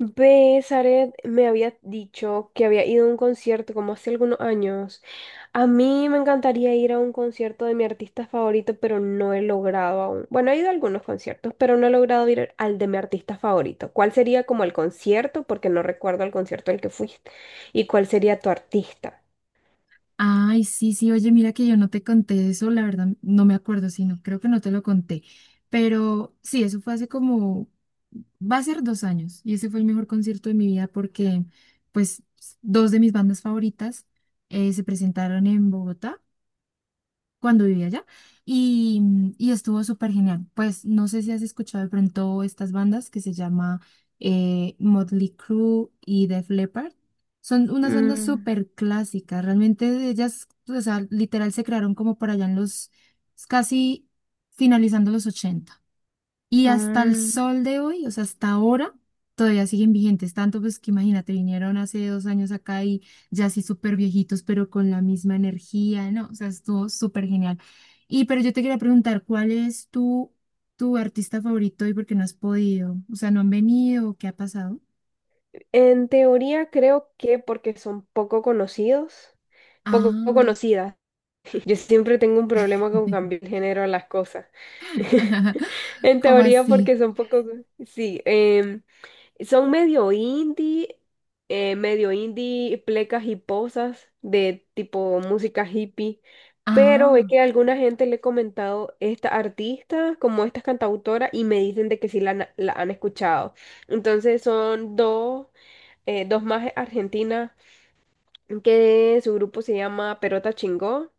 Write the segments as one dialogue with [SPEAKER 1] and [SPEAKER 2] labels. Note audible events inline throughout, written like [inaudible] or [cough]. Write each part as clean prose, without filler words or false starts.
[SPEAKER 1] Ve, Zaret me había dicho que había ido a un concierto como hace algunos años. A mí me encantaría ir a un concierto de mi artista favorito, pero no he logrado aún. Bueno, he ido a algunos conciertos, pero no he logrado ir al de mi artista favorito. ¿Cuál sería como el concierto? Porque no recuerdo el concierto al que fuiste. ¿Y cuál sería tu artista?
[SPEAKER 2] Ay, sí, sí, oye, mira que yo no te conté eso, la verdad, no me acuerdo, sino creo que no te lo conté. Pero sí, eso fue hace como, va a ser 2 años, y ese fue el mejor concierto de mi vida porque, pues, dos de mis bandas favoritas se presentaron en Bogotá cuando vivía allá y estuvo súper genial. Pues no sé si has escuchado de pronto estas bandas que se llama Motley Crue y Def Leppard. Son unas bandas
[SPEAKER 1] Mm,
[SPEAKER 2] súper clásicas, realmente de ellas, o sea, literal se crearon como por allá en los casi finalizando los 80 y hasta el
[SPEAKER 1] mm.
[SPEAKER 2] sol de hoy, o sea, hasta ahora, todavía siguen vigentes. Tanto pues que imagínate, vinieron hace 2 años acá y ya así súper viejitos, pero con la misma energía, ¿no? O sea, estuvo súper genial. Y pero yo te quería preguntar, ¿cuál es tu artista favorito y por qué no has podido? O sea, ¿no han venido? ¿Qué ha pasado?
[SPEAKER 1] En teoría creo que porque son poco conocidos, poco
[SPEAKER 2] Ah,
[SPEAKER 1] conocidas. [laughs] Yo siempre tengo un problema con
[SPEAKER 2] [laughs]
[SPEAKER 1] cambiar el género a las cosas. [laughs] En
[SPEAKER 2] ¿cómo
[SPEAKER 1] teoría
[SPEAKER 2] así?
[SPEAKER 1] porque son poco, sí, son medio indie, plecas y posas de tipo música hippie, pero es
[SPEAKER 2] Ah,
[SPEAKER 1] que a alguna gente le he comentado esta artista como esta cantautora y me dicen de que sí la han escuchado. Entonces son dos dos más argentinas, que su grupo se llama Perota Chingó.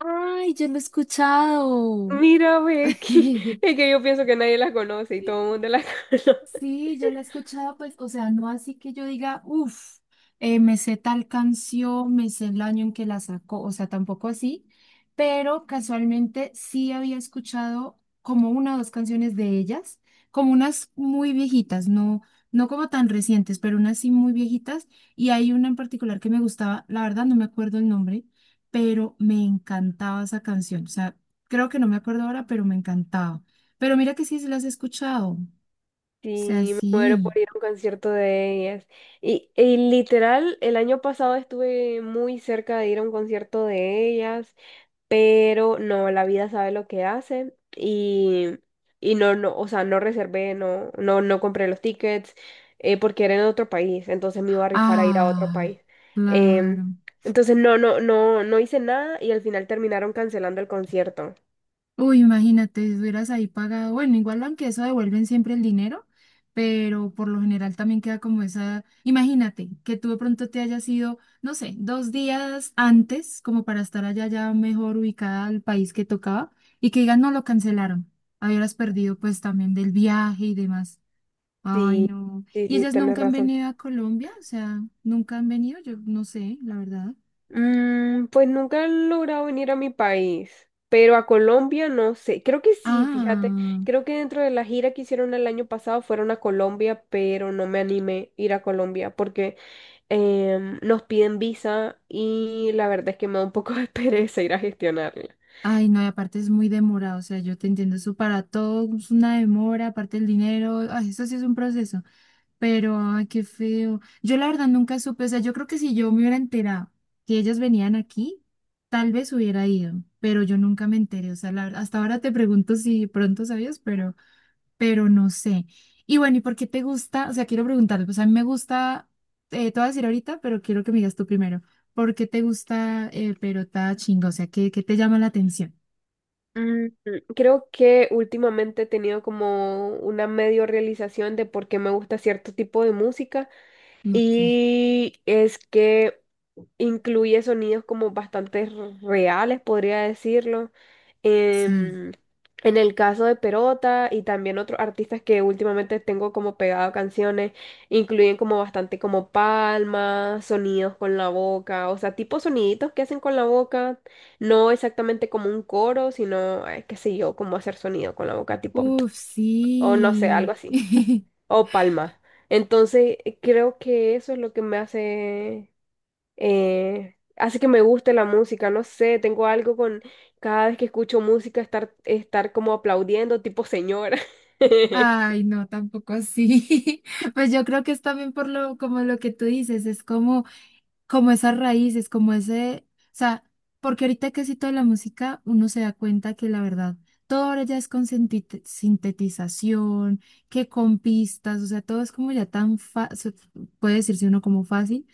[SPEAKER 2] ay, yo lo he escuchado.
[SPEAKER 1] Mira, Becky, [laughs] es que
[SPEAKER 2] [laughs]
[SPEAKER 1] yo pienso que nadie las conoce y todo el mundo las [laughs] conoce.
[SPEAKER 2] Sí, yo la he escuchado, pues, o sea, no así que yo diga, uff, me sé tal canción, me sé el año en que la sacó, o sea, tampoco así, pero casualmente sí había escuchado como una o dos canciones de ellas, como unas muy viejitas, no, no como tan recientes, pero unas sí muy viejitas, y hay una en particular que me gustaba, la verdad no me acuerdo el nombre, pero me encantaba esa canción, o sea, creo que no me acuerdo ahora, pero me encantaba. Pero mira que sí, sí las he escuchado sea
[SPEAKER 1] Sí, me muero
[SPEAKER 2] así.
[SPEAKER 1] por ir a un concierto de ellas. Y literal, el año pasado estuve muy cerca de ir a un concierto de ellas, pero no, la vida sabe lo que hace y, o sea, no reservé, no compré los tickets porque era en otro país, entonces me iba a rifar a ir a otro
[SPEAKER 2] Ah,
[SPEAKER 1] país. Em,
[SPEAKER 2] claro.
[SPEAKER 1] entonces no hice nada y al final terminaron cancelando el concierto.
[SPEAKER 2] Uy, imagínate, si hubieras ahí pagado. Bueno, igual aunque eso devuelven siempre el dinero, pero por lo general también queda como esa. Imagínate que tú de pronto te hayas ido, no sé, 2 días antes, como para estar allá ya mejor ubicada al país que tocaba, y que digan, no lo cancelaron. Habieras perdido pues también del viaje y demás. Ay,
[SPEAKER 1] Sí,
[SPEAKER 2] no.
[SPEAKER 1] sí,
[SPEAKER 2] ¿Y
[SPEAKER 1] sí,
[SPEAKER 2] ellas
[SPEAKER 1] tenés
[SPEAKER 2] nunca han
[SPEAKER 1] razón.
[SPEAKER 2] venido a Colombia? O sea, nunca han venido, yo no sé, la verdad.
[SPEAKER 1] Mm, pues nunca he logrado venir a mi país, pero a Colombia no sé. Creo que sí, fíjate.
[SPEAKER 2] Ah,
[SPEAKER 1] Creo que dentro de la gira que hicieron el año pasado fueron a Colombia, pero no me animé a ir a Colombia porque nos piden visa y la verdad es que me da un poco de [laughs] pereza ir a gestionarla.
[SPEAKER 2] ay, no, y aparte es muy demorado, o sea, yo te entiendo, eso para todo es una demora, aparte el dinero, ay, eso sí es un proceso, pero ay, qué feo. Yo la verdad nunca supe, o sea, yo creo que si yo me hubiera enterado que ellas venían aquí, tal vez hubiera ido, pero yo nunca me enteré, o sea, la verdad, hasta ahora te pregunto si pronto sabías, pero no sé. Y bueno, ¿y por qué te gusta? O sea, quiero preguntarte, pues a mí me gusta, te voy a decir ahorita, pero quiero que me digas tú primero, ¿por qué te gusta Perota Chingo? O sea, ¿qué te llama la atención?
[SPEAKER 1] Mm. Creo que últimamente he tenido como una medio realización de por qué me gusta cierto tipo de música
[SPEAKER 2] Ok,
[SPEAKER 1] y es que incluye sonidos como bastante reales, podría decirlo.
[SPEAKER 2] sí.
[SPEAKER 1] Em, en el caso de Perota y también otros artistas que últimamente tengo como pegado canciones, incluyen como bastante como palmas, sonidos con la boca, o sea, tipo soniditos que hacen con la boca, no exactamente como un coro, sino, qué sé yo, como hacer sonido con la boca, tipo,
[SPEAKER 2] Uf,
[SPEAKER 1] [tsk] o no sé,
[SPEAKER 2] sí.
[SPEAKER 1] algo así,
[SPEAKER 2] [laughs]
[SPEAKER 1] o palmas. Entonces, creo que eso es lo que me hace hace que me guste la música, no sé, tengo algo con cada vez que escucho música estar como aplaudiendo tipo señora. [laughs]
[SPEAKER 2] Ay, no, tampoco así. [laughs] Pues yo creo que es también por lo, como lo que tú dices, es como esas raíces, como ese, o sea, porque ahorita que sí toda la música, uno se da cuenta que la verdad, todo ahora ya es con sintetización, que con pistas, o sea, todo es como ya tan fácil, puede decirse uno como fácil.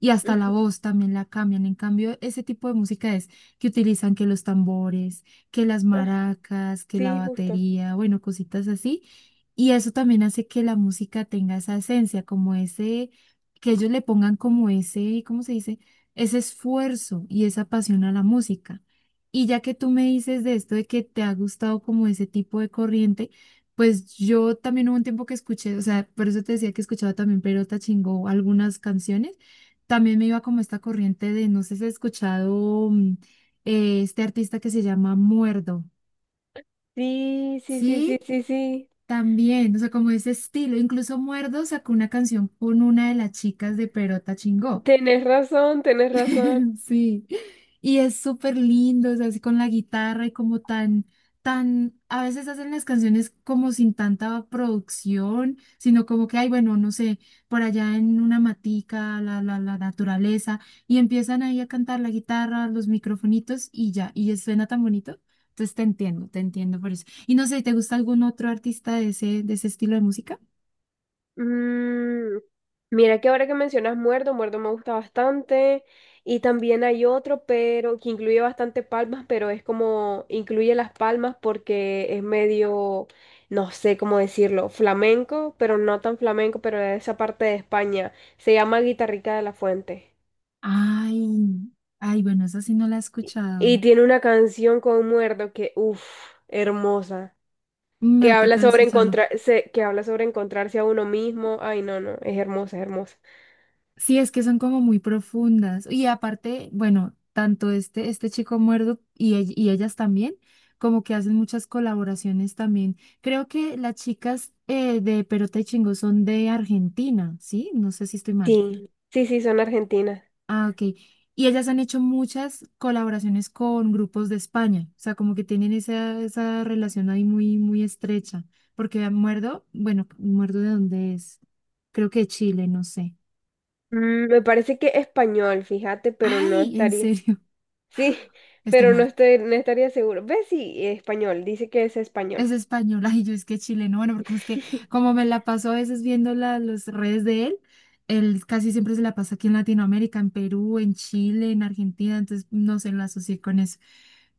[SPEAKER 2] Y hasta la
[SPEAKER 1] Ujú.
[SPEAKER 2] voz también la cambian. En cambio, ese tipo de música es que utilizan que los tambores, que las
[SPEAKER 1] Ah,
[SPEAKER 2] maracas, que la
[SPEAKER 1] sí, justo.
[SPEAKER 2] batería, bueno, cositas así. Y eso también hace que la música tenga esa esencia, como ese, que ellos le pongan como ese, ¿cómo se dice? Ese esfuerzo y esa pasión a la música. Y ya que tú me dices de esto, de que te ha gustado como ese tipo de corriente, pues yo también hubo un tiempo que escuché, o sea, por eso te decía que escuchaba también Perota Chingó algunas canciones también me iba como esta corriente de, no sé si has escuchado este artista que se llama Muerdo.
[SPEAKER 1] Sí, sí, sí, sí,
[SPEAKER 2] Sí,
[SPEAKER 1] sí, sí.
[SPEAKER 2] también, o sea, como ese estilo. Incluso Muerdo sacó una canción con una de las chicas de Perota Chingó.
[SPEAKER 1] Tenés razón, tenés razón.
[SPEAKER 2] [laughs] Sí, y es súper lindo, es así con la guitarra y como tan, a veces hacen las canciones como sin tanta producción, sino como que, ay, bueno, no sé, por allá en una matica, la naturaleza, y empiezan ahí a cantar la guitarra, los microfonitos y ya, suena tan bonito. Entonces te entiendo por eso. Y no sé, ¿te gusta algún otro artista de ese estilo de música?
[SPEAKER 1] Mm, mira que ahora que mencionas Muerto, Muerto me gusta bastante. Y también hay otro, pero que incluye bastante palmas, pero es como incluye las palmas porque es medio, no sé cómo decirlo, flamenco, pero no tan flamenco, pero de esa parte de España. Se llama Guitarrica de la Fuente.
[SPEAKER 2] Ay, ay, bueno, esa sí no la he escuchado.
[SPEAKER 1] Y tiene una canción con Muerto que, uff, hermosa.
[SPEAKER 2] Me
[SPEAKER 1] Que
[SPEAKER 2] va a
[SPEAKER 1] habla
[SPEAKER 2] tocar
[SPEAKER 1] sobre
[SPEAKER 2] escucharlo.
[SPEAKER 1] que habla sobre encontrarse a uno mismo. Ay, no, no, es hermosa, es hermosa.
[SPEAKER 2] Sí, es que son como muy profundas. Y aparte, bueno, tanto este, chico muerto y ellas también, como que hacen muchas colaboraciones también. Creo que las chicas de Perota y Chingó son de Argentina, ¿sí? No sé si estoy mal.
[SPEAKER 1] Sí, sí, sí, son argentinas.
[SPEAKER 2] Ah, ok. Y ellas han hecho muchas colaboraciones con grupos de España. O sea, como que tienen esa relación ahí muy, muy estrecha. Porque Muerdo, bueno, ¿Muerdo de dónde es? Creo que de Chile, no sé.
[SPEAKER 1] Mm, me parece que español, fíjate, pero no
[SPEAKER 2] Ay, en
[SPEAKER 1] estaría. [laughs]
[SPEAKER 2] serio,
[SPEAKER 1] Sí,
[SPEAKER 2] [laughs] estoy
[SPEAKER 1] pero
[SPEAKER 2] mal.
[SPEAKER 1] no estaría seguro. ¿Ves? Sí, español, dice que es
[SPEAKER 2] Es
[SPEAKER 1] español.
[SPEAKER 2] española y yo es que chileno, bueno, porque es que
[SPEAKER 1] [laughs]
[SPEAKER 2] como me la paso a veces viendo las redes de él, él casi siempre se la pasa aquí en Latinoamérica, en Perú, en Chile, en Argentina, entonces no se la asocié con eso.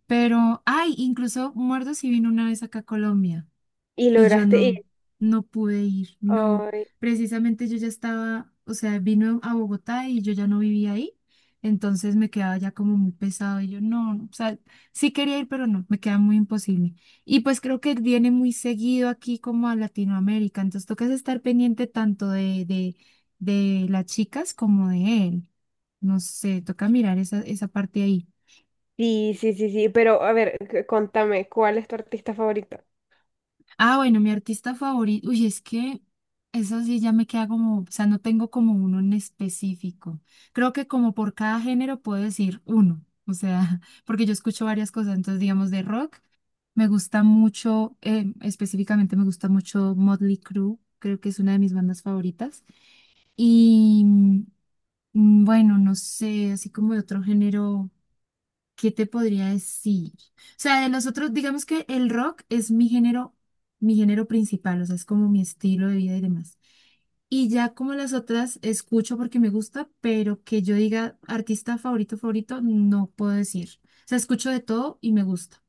[SPEAKER 2] Pero, ay, incluso Muertos sí vino una vez acá a Colombia.
[SPEAKER 1] Y
[SPEAKER 2] Y yo
[SPEAKER 1] lograste ir.
[SPEAKER 2] no pude ir, no.
[SPEAKER 1] Ay,
[SPEAKER 2] Precisamente yo ya estaba, o sea, vino a Bogotá y yo ya no vivía ahí, entonces me quedaba ya como muy pesado y yo no, o sea, sí quería ir, pero no, me queda muy imposible. Y pues creo que viene muy seguido aquí como a Latinoamérica, entonces tocas estar pendiente tanto de las chicas como de él. No sé, toca mirar esa parte ahí.
[SPEAKER 1] sí, sí, sí, sí, pero a ver, contame, ¿cuál es tu artista favorito?
[SPEAKER 2] Ah, bueno, mi artista favorito. Uy, es que eso sí ya me queda como, o sea, no tengo como uno en específico. Creo que como por cada género puedo decir uno, o sea, [laughs] porque yo escucho varias cosas, entonces digamos de rock, me gusta mucho, específicamente me gusta mucho Motley Crue, creo que es una de mis bandas favoritas. Y bueno, no sé, así como de otro género. ¿Qué te podría decir? O sea, de los otros, digamos que el rock es mi género principal, o sea, es como mi estilo de vida y demás. Y ya como las otras escucho porque me gusta, pero que yo diga artista favorito, favorito, no puedo decir. O sea, escucho de todo y me gusta.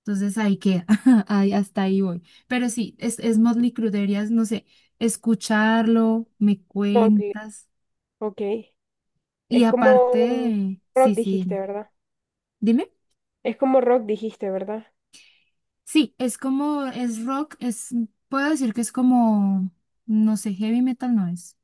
[SPEAKER 2] Entonces ahí queda, [laughs] ahí, hasta ahí voy. Pero sí, es Motley Crue, deberías, no sé, escucharlo, me
[SPEAKER 1] Motley.
[SPEAKER 2] cuentas.
[SPEAKER 1] Ok.
[SPEAKER 2] Y
[SPEAKER 1] Es como
[SPEAKER 2] aparte,
[SPEAKER 1] rock
[SPEAKER 2] sí, sí,
[SPEAKER 1] dijiste, ¿verdad?
[SPEAKER 2] dime.
[SPEAKER 1] Es como rock dijiste, ¿verdad?
[SPEAKER 2] Sí, es como, es rock, es, puedo decir que es como, no sé, heavy metal no es.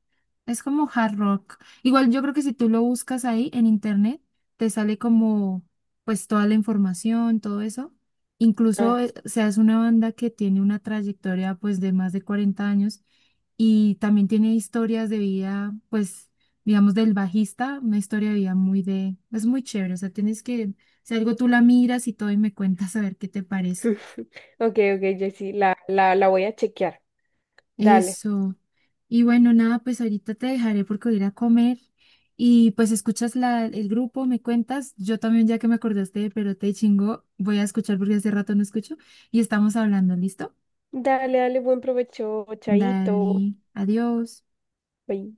[SPEAKER 2] Es como hard rock. Igual yo creo que si tú lo buscas ahí en internet, te sale como, pues toda la información, todo eso. Incluso,
[SPEAKER 1] Ah.
[SPEAKER 2] o sea, es una banda que tiene una trayectoria, pues, de más de 40 años y también tiene historias de vida, pues, digamos, del bajista, una historia de vida muy de, es muy chévere. O sea, tienes que, si algo tú la miras y todo y me cuentas a ver qué te parece.
[SPEAKER 1] [laughs] Ok, ok, Jessy, la voy a chequear. Dale.
[SPEAKER 2] Eso. Y bueno, nada, pues ahorita te dejaré porque voy a ir a comer y pues escuchas el grupo, me cuentas. Yo también, ya que me acordaste de Perote y Chingó, voy a escuchar porque hace rato no escucho y estamos hablando, ¿listo?
[SPEAKER 1] Dale, dale, buen provecho, chaito.
[SPEAKER 2] Dale, adiós.
[SPEAKER 1] Bye.